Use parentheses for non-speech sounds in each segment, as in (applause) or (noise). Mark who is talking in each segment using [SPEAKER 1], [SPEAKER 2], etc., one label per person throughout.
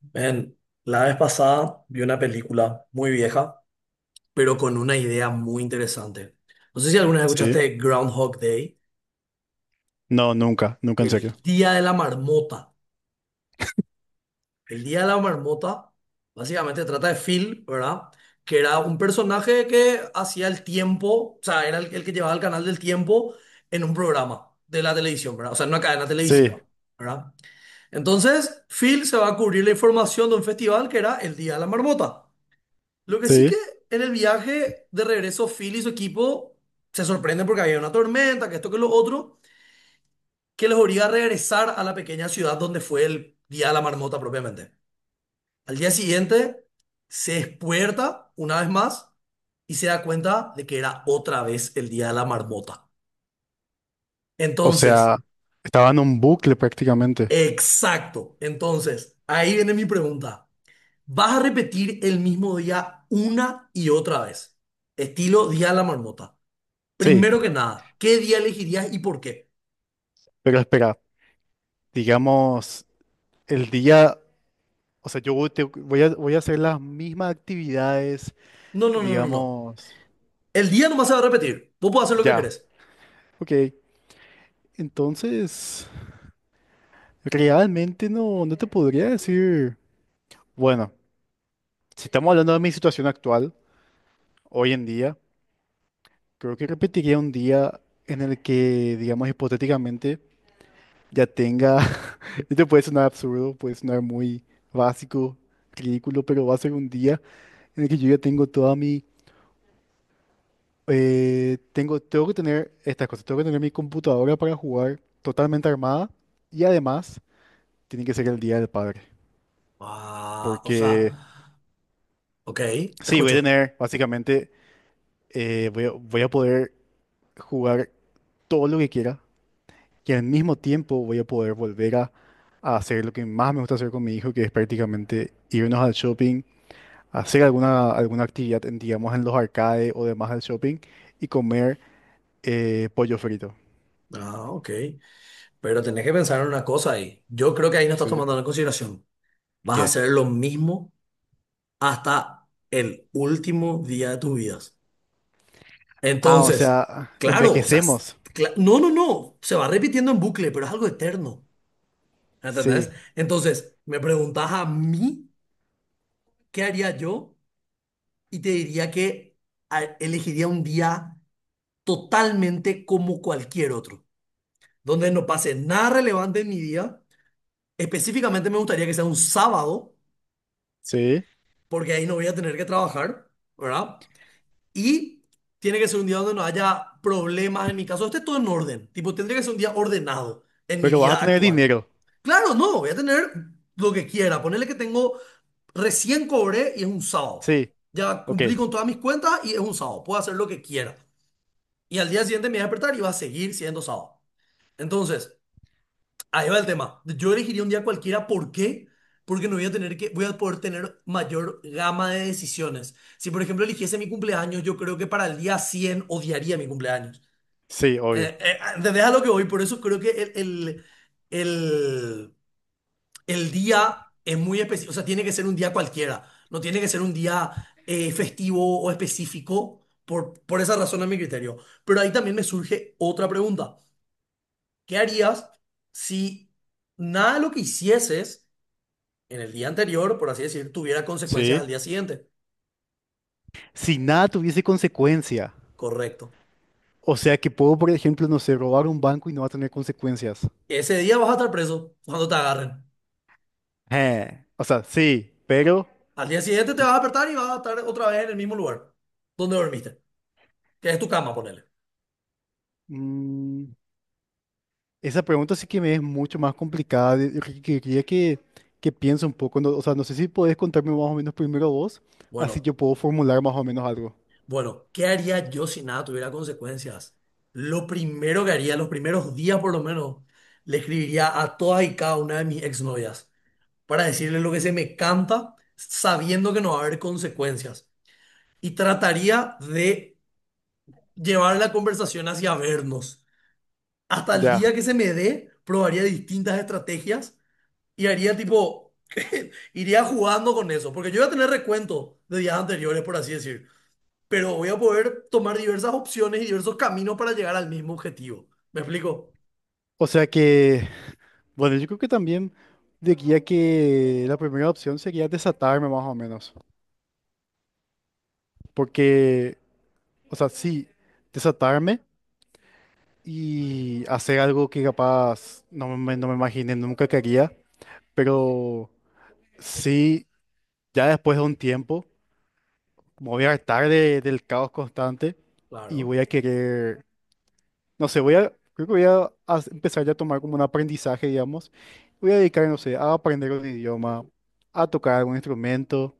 [SPEAKER 1] Ven, la vez pasada vi una película muy vieja, pero con una idea muy interesante. No sé si alguna vez
[SPEAKER 2] Sí,
[SPEAKER 1] escuchaste Groundhog Day,
[SPEAKER 2] no, nunca, nunca en serio.
[SPEAKER 1] el día de la marmota. El día de la marmota básicamente trata de Phil, ¿verdad? Que era un personaje que hacía el tiempo, o sea, era el que llevaba el canal del tiempo en un programa de la televisión, ¿verdad? O sea, en una cadena
[SPEAKER 2] Sí,
[SPEAKER 1] televisiva, ¿verdad? Entonces, Phil se va a cubrir la información de un festival que era el día de la marmota. Lo que sí
[SPEAKER 2] sí.
[SPEAKER 1] que en el viaje de regreso, Phil y su equipo se sorprenden porque había una tormenta, que esto, que lo otro, que les obliga a regresar a la pequeña ciudad donde fue el día de la marmota propiamente. Al día siguiente se despierta una vez más y se da cuenta de que era otra vez el día de la marmota.
[SPEAKER 2] O
[SPEAKER 1] Entonces,
[SPEAKER 2] sea, estaba en un bucle prácticamente.
[SPEAKER 1] exacto. Entonces, ahí viene mi pregunta. ¿Vas a repetir el mismo día una y otra vez? Estilo día de la marmota.
[SPEAKER 2] Sí,
[SPEAKER 1] Primero que nada, ¿qué día elegirías y por qué?
[SPEAKER 2] pero espera, digamos, el día, o sea, yo voy te- voy a, voy a hacer las mismas actividades,
[SPEAKER 1] No, no, no, no, no.
[SPEAKER 2] digamos,
[SPEAKER 1] El día nomás se va a repetir. Vos podés hacer lo que
[SPEAKER 2] ya.
[SPEAKER 1] querés.
[SPEAKER 2] Ok, entonces, realmente no, no te podría decir. Bueno, si estamos hablando de mi situación actual, hoy en día, creo que repetiría un día en el que, digamos, hipotéticamente ya tenga, (laughs) esto puede sonar absurdo, puede sonar muy básico, ridículo, pero va a ser un día en el que yo ya tengo toda mi, tengo que tener estas cosas, tengo que tener mi computadora para jugar totalmente armada, y además tiene que ser el Día del Padre,
[SPEAKER 1] Ah, o sea,
[SPEAKER 2] porque
[SPEAKER 1] ok, te
[SPEAKER 2] sí, voy a
[SPEAKER 1] escucho.
[SPEAKER 2] tener, básicamente, voy a poder jugar todo lo que quiera, y al mismo tiempo voy a poder volver a hacer lo que más me gusta hacer con mi hijo, que es prácticamente irnos al shopping, hacer alguna actividad en, digamos, en los arcades o demás del shopping, y comer pollo frito.
[SPEAKER 1] Ah, ok. Pero tenés que pensar en una cosa ahí. Yo creo que ahí no estás
[SPEAKER 2] Sí.
[SPEAKER 1] tomando en consideración. Vas a
[SPEAKER 2] ¿Qué?
[SPEAKER 1] hacer lo mismo hasta el último día de tus vidas.
[SPEAKER 2] Ah, o
[SPEAKER 1] Entonces,
[SPEAKER 2] sea,
[SPEAKER 1] claro, o sea,
[SPEAKER 2] envejecemos.
[SPEAKER 1] no, no, no. Se va repitiendo en bucle, pero es algo eterno. ¿Entendés?
[SPEAKER 2] Sí,
[SPEAKER 1] Entonces, me preguntás a mí qué haría yo. Y te diría que elegiría un día totalmente como cualquier otro, donde no pase nada relevante en mi día. Específicamente me gustaría que sea un sábado,
[SPEAKER 2] sí.
[SPEAKER 1] porque ahí no voy a tener que trabajar, ¿verdad? Y tiene que ser un día donde no haya problemas en mi caso, esté todo en orden, tipo, tendría que ser un día ordenado en mi
[SPEAKER 2] Pero vas a
[SPEAKER 1] vida
[SPEAKER 2] tener
[SPEAKER 1] actual.
[SPEAKER 2] dinero.
[SPEAKER 1] Claro, no, voy a tener lo que quiera, ponerle que tengo recién cobré y es un sábado.
[SPEAKER 2] Sí,
[SPEAKER 1] Ya
[SPEAKER 2] ok.
[SPEAKER 1] cumplí con todas mis cuentas y es un sábado. Puedo hacer lo que quiera. Y al día siguiente me voy a despertar y va a seguir siendo sábado. Entonces, ahí va el tema. Yo elegiría un día cualquiera. ¿Por qué? Porque no voy a tener que, voy a poder tener mayor gama de decisiones. Si, por ejemplo, eligiese mi cumpleaños, yo creo que para el día 100 odiaría mi cumpleaños.
[SPEAKER 2] Sí, obvio.
[SPEAKER 1] ¿Entendés a lo que voy? Por eso creo que el, el día es muy específico. O sea, tiene que ser un día cualquiera. No tiene que ser un día festivo o específico. Por esa razón, a mi criterio. Pero ahí también me surge otra pregunta. ¿Qué harías si nada de lo que hicieses en el día anterior, por así decir, tuviera consecuencias
[SPEAKER 2] Sí.
[SPEAKER 1] al día siguiente?
[SPEAKER 2] Si nada tuviese consecuencia.
[SPEAKER 1] Correcto.
[SPEAKER 2] O sea que puedo, por ejemplo, no sé, robar un banco y no va a tener consecuencias.
[SPEAKER 1] Ese día vas a estar preso cuando te agarren.
[SPEAKER 2] O sea, sí, pero...
[SPEAKER 1] Al día siguiente te vas a despertar y vas a estar otra vez en el mismo lugar donde dormiste, que es tu cama, ponele.
[SPEAKER 2] mm, esa pregunta sí que me es mucho más complicada. Quería que piense un poco. O sea, no sé si podés contarme más o menos primero vos, así
[SPEAKER 1] Bueno,
[SPEAKER 2] yo puedo formular más o menos algo.
[SPEAKER 1] bueno, ¿qué haría yo si nada tuviera consecuencias? Lo primero que haría, los primeros días por lo menos, le escribiría a todas y cada una de mis exnovias para decirles lo que se me canta, sabiendo que no va a haber consecuencias. Y trataría de llevar la conversación hacia vernos. Hasta el
[SPEAKER 2] Ya.
[SPEAKER 1] día que se me dé, probaría distintas estrategias y haría tipo, (laughs) iría jugando con eso, porque yo voy a tener recuento de días anteriores, por así decir, pero voy a poder tomar diversas opciones y diversos caminos para llegar al mismo objetivo. ¿Me explico?
[SPEAKER 2] O sea que, bueno, yo creo que también diría que la primera opción sería desatarme más o menos. Porque, o sea, sí, desatarme y hacer algo que capaz no me imaginé, nunca quería, pero sí, ya después de un tiempo me voy a hartar del caos constante y
[SPEAKER 1] Claro.
[SPEAKER 2] voy a querer, no sé, creo que voy a, empezar ya a tomar como un aprendizaje, digamos. Voy a dedicar, no sé, a aprender un idioma, a tocar algún instrumento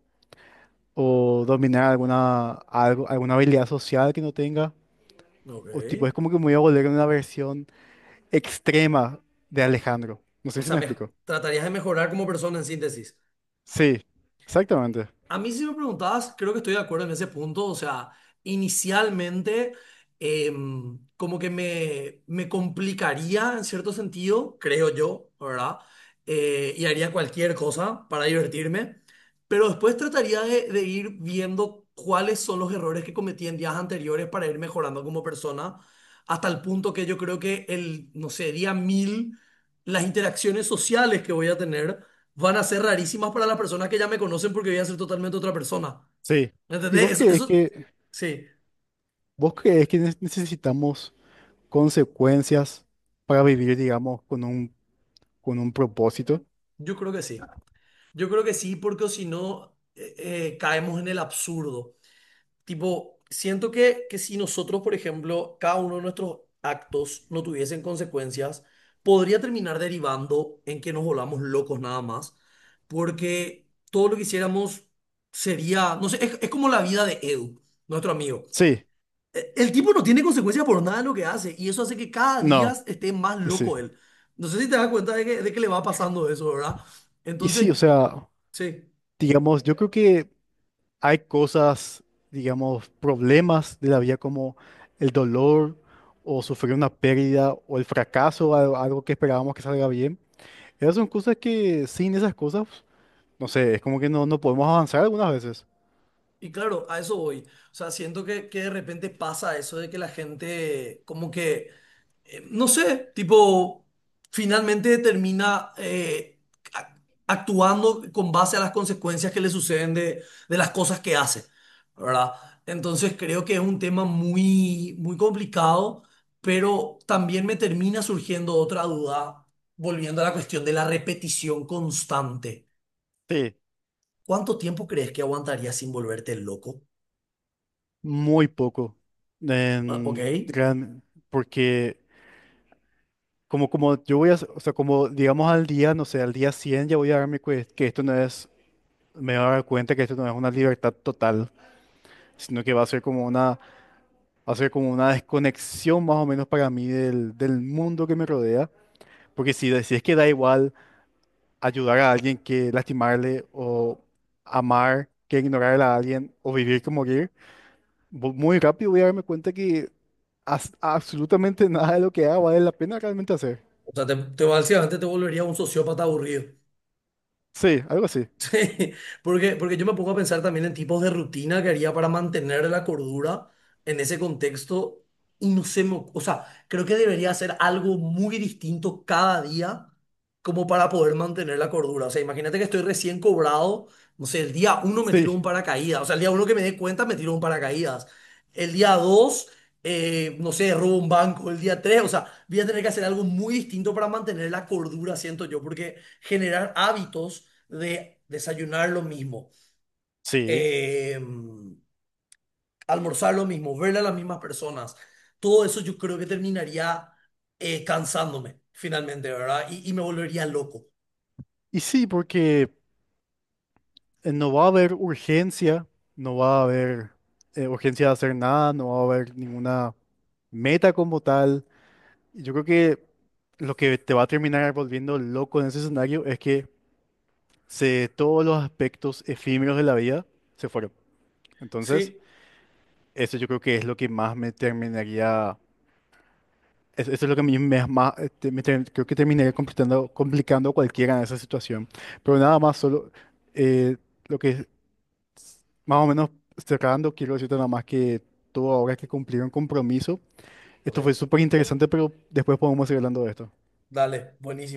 [SPEAKER 2] o dominar alguna habilidad social que no tenga. O tipo,
[SPEAKER 1] Ok.
[SPEAKER 2] es como que me voy a volver una versión extrema de Alejandro. No
[SPEAKER 1] O
[SPEAKER 2] sé si
[SPEAKER 1] sea,
[SPEAKER 2] me explico.
[SPEAKER 1] tratarías de mejorar como persona en síntesis.
[SPEAKER 2] Sí, exactamente.
[SPEAKER 1] A mí si me preguntabas, creo que estoy de acuerdo en ese punto. O sea, inicialmente como que me complicaría en cierto sentido, creo yo, ¿verdad? Y haría cualquier cosa para divertirme. Pero después trataría de ir viendo cuáles son los errores que cometí en días anteriores para ir mejorando como persona, hasta el punto que yo creo que no sé, día 1000, las interacciones sociales que voy a tener van a ser rarísimas para las personas que ya me conocen porque voy a ser totalmente otra persona.
[SPEAKER 2] Sí. ¿Y
[SPEAKER 1] ¿Entendés? Sí,
[SPEAKER 2] vos crees que necesitamos consecuencias para vivir, digamos, con un propósito?
[SPEAKER 1] yo creo que sí. Yo creo que sí, porque o si no, caemos en el absurdo. Tipo, siento que si nosotros, por ejemplo, cada uno de nuestros actos no tuviesen consecuencias, podría terminar derivando en que nos volvamos locos nada más, porque todo lo que hiciéramos sería, no sé, es como la vida de Edu, nuestro amigo.
[SPEAKER 2] Sí,
[SPEAKER 1] El tipo no tiene consecuencias por nada de lo que hace y eso hace que cada día
[SPEAKER 2] no,
[SPEAKER 1] esté más
[SPEAKER 2] sí.
[SPEAKER 1] loco él. No sé si te das cuenta de de que le va pasando eso, ¿verdad?
[SPEAKER 2] Y sí, o
[SPEAKER 1] Entonces,
[SPEAKER 2] sea,
[SPEAKER 1] sí,
[SPEAKER 2] digamos, yo creo que hay cosas, digamos, problemas de la vida como el dolor o sufrir una pérdida o el fracaso, algo que esperábamos que salga bien. Esas son cosas que sin esas cosas, no sé, es como que no podemos avanzar algunas veces.
[SPEAKER 1] y claro, a eso voy. O sea, siento que de repente pasa eso de que la gente como que no sé, tipo, finalmente termina a- actuando con base a las consecuencias que le suceden de las cosas que hace, ¿verdad? Entonces creo que es un tema muy, muy complicado, pero también me termina surgiendo otra duda, volviendo a la cuestión de la repetición constante.
[SPEAKER 2] Sí,
[SPEAKER 1] ¿Cuánto tiempo crees que aguantarías sin volverte loco?
[SPEAKER 2] muy poco.
[SPEAKER 1] Ah, ok.
[SPEAKER 2] En gran, porque como, como yo voy a, o sea, como digamos al día, no sé, al día 100 ya voy a que esto no es, me voy a dar cuenta que esto no es una libertad total, sino que va a ser como va a ser como una desconexión más o menos para mí del, del mundo que me rodea, porque si, si es que da igual ayudar a alguien que lastimarle o amar que ignorar a alguien o vivir que morir, muy rápido voy a darme cuenta que absolutamente nada de lo que haga vale la pena realmente hacer.
[SPEAKER 1] O sea, básicamente te volvería un sociópata aburrido.
[SPEAKER 2] Sí, algo así.
[SPEAKER 1] Sí, porque, porque yo me pongo a pensar también en tipos de rutina que haría para mantener la cordura en ese contexto y no sé, o sea, creo que debería hacer algo muy distinto cada día como para poder mantener la cordura. O sea, imagínate que estoy recién cobrado, no sé, el día 1 me
[SPEAKER 2] Sí.
[SPEAKER 1] tiro un paracaídas, o sea, el día 1 que me dé cuenta me tiro un paracaídas, el día 2, no sé, robo un banco, el día 3, o sea, voy a tener que hacer algo muy distinto para mantener la cordura, siento yo, porque generar hábitos de desayunar lo mismo,
[SPEAKER 2] Sí.
[SPEAKER 1] eh, almorzar lo mismo, verle a las mismas personas. Todo eso yo creo que terminaría cansándome finalmente, ¿verdad? Y me volvería loco.
[SPEAKER 2] Y sí, porque no va a haber urgencia, no va a haber urgencia de hacer nada, no va a haber ninguna meta como tal. Y yo creo que lo que te va a terminar volviendo loco en ese escenario es que todos los aspectos efímeros de la vida se fueron. Entonces,
[SPEAKER 1] Sí,
[SPEAKER 2] eso yo creo que es lo que más me terminaría, eso es lo que a mí me, más, este, creo que terminaría complicando, complicando a cualquiera en esa situación. Pero nada más, solo eh, lo que más o menos cerrando, quiero decirte nada más que tú ahora que cumplir un compromiso,
[SPEAKER 1] ok,
[SPEAKER 2] esto fue súper interesante, pero después podemos seguir hablando de esto.
[SPEAKER 1] dale, buenísimo.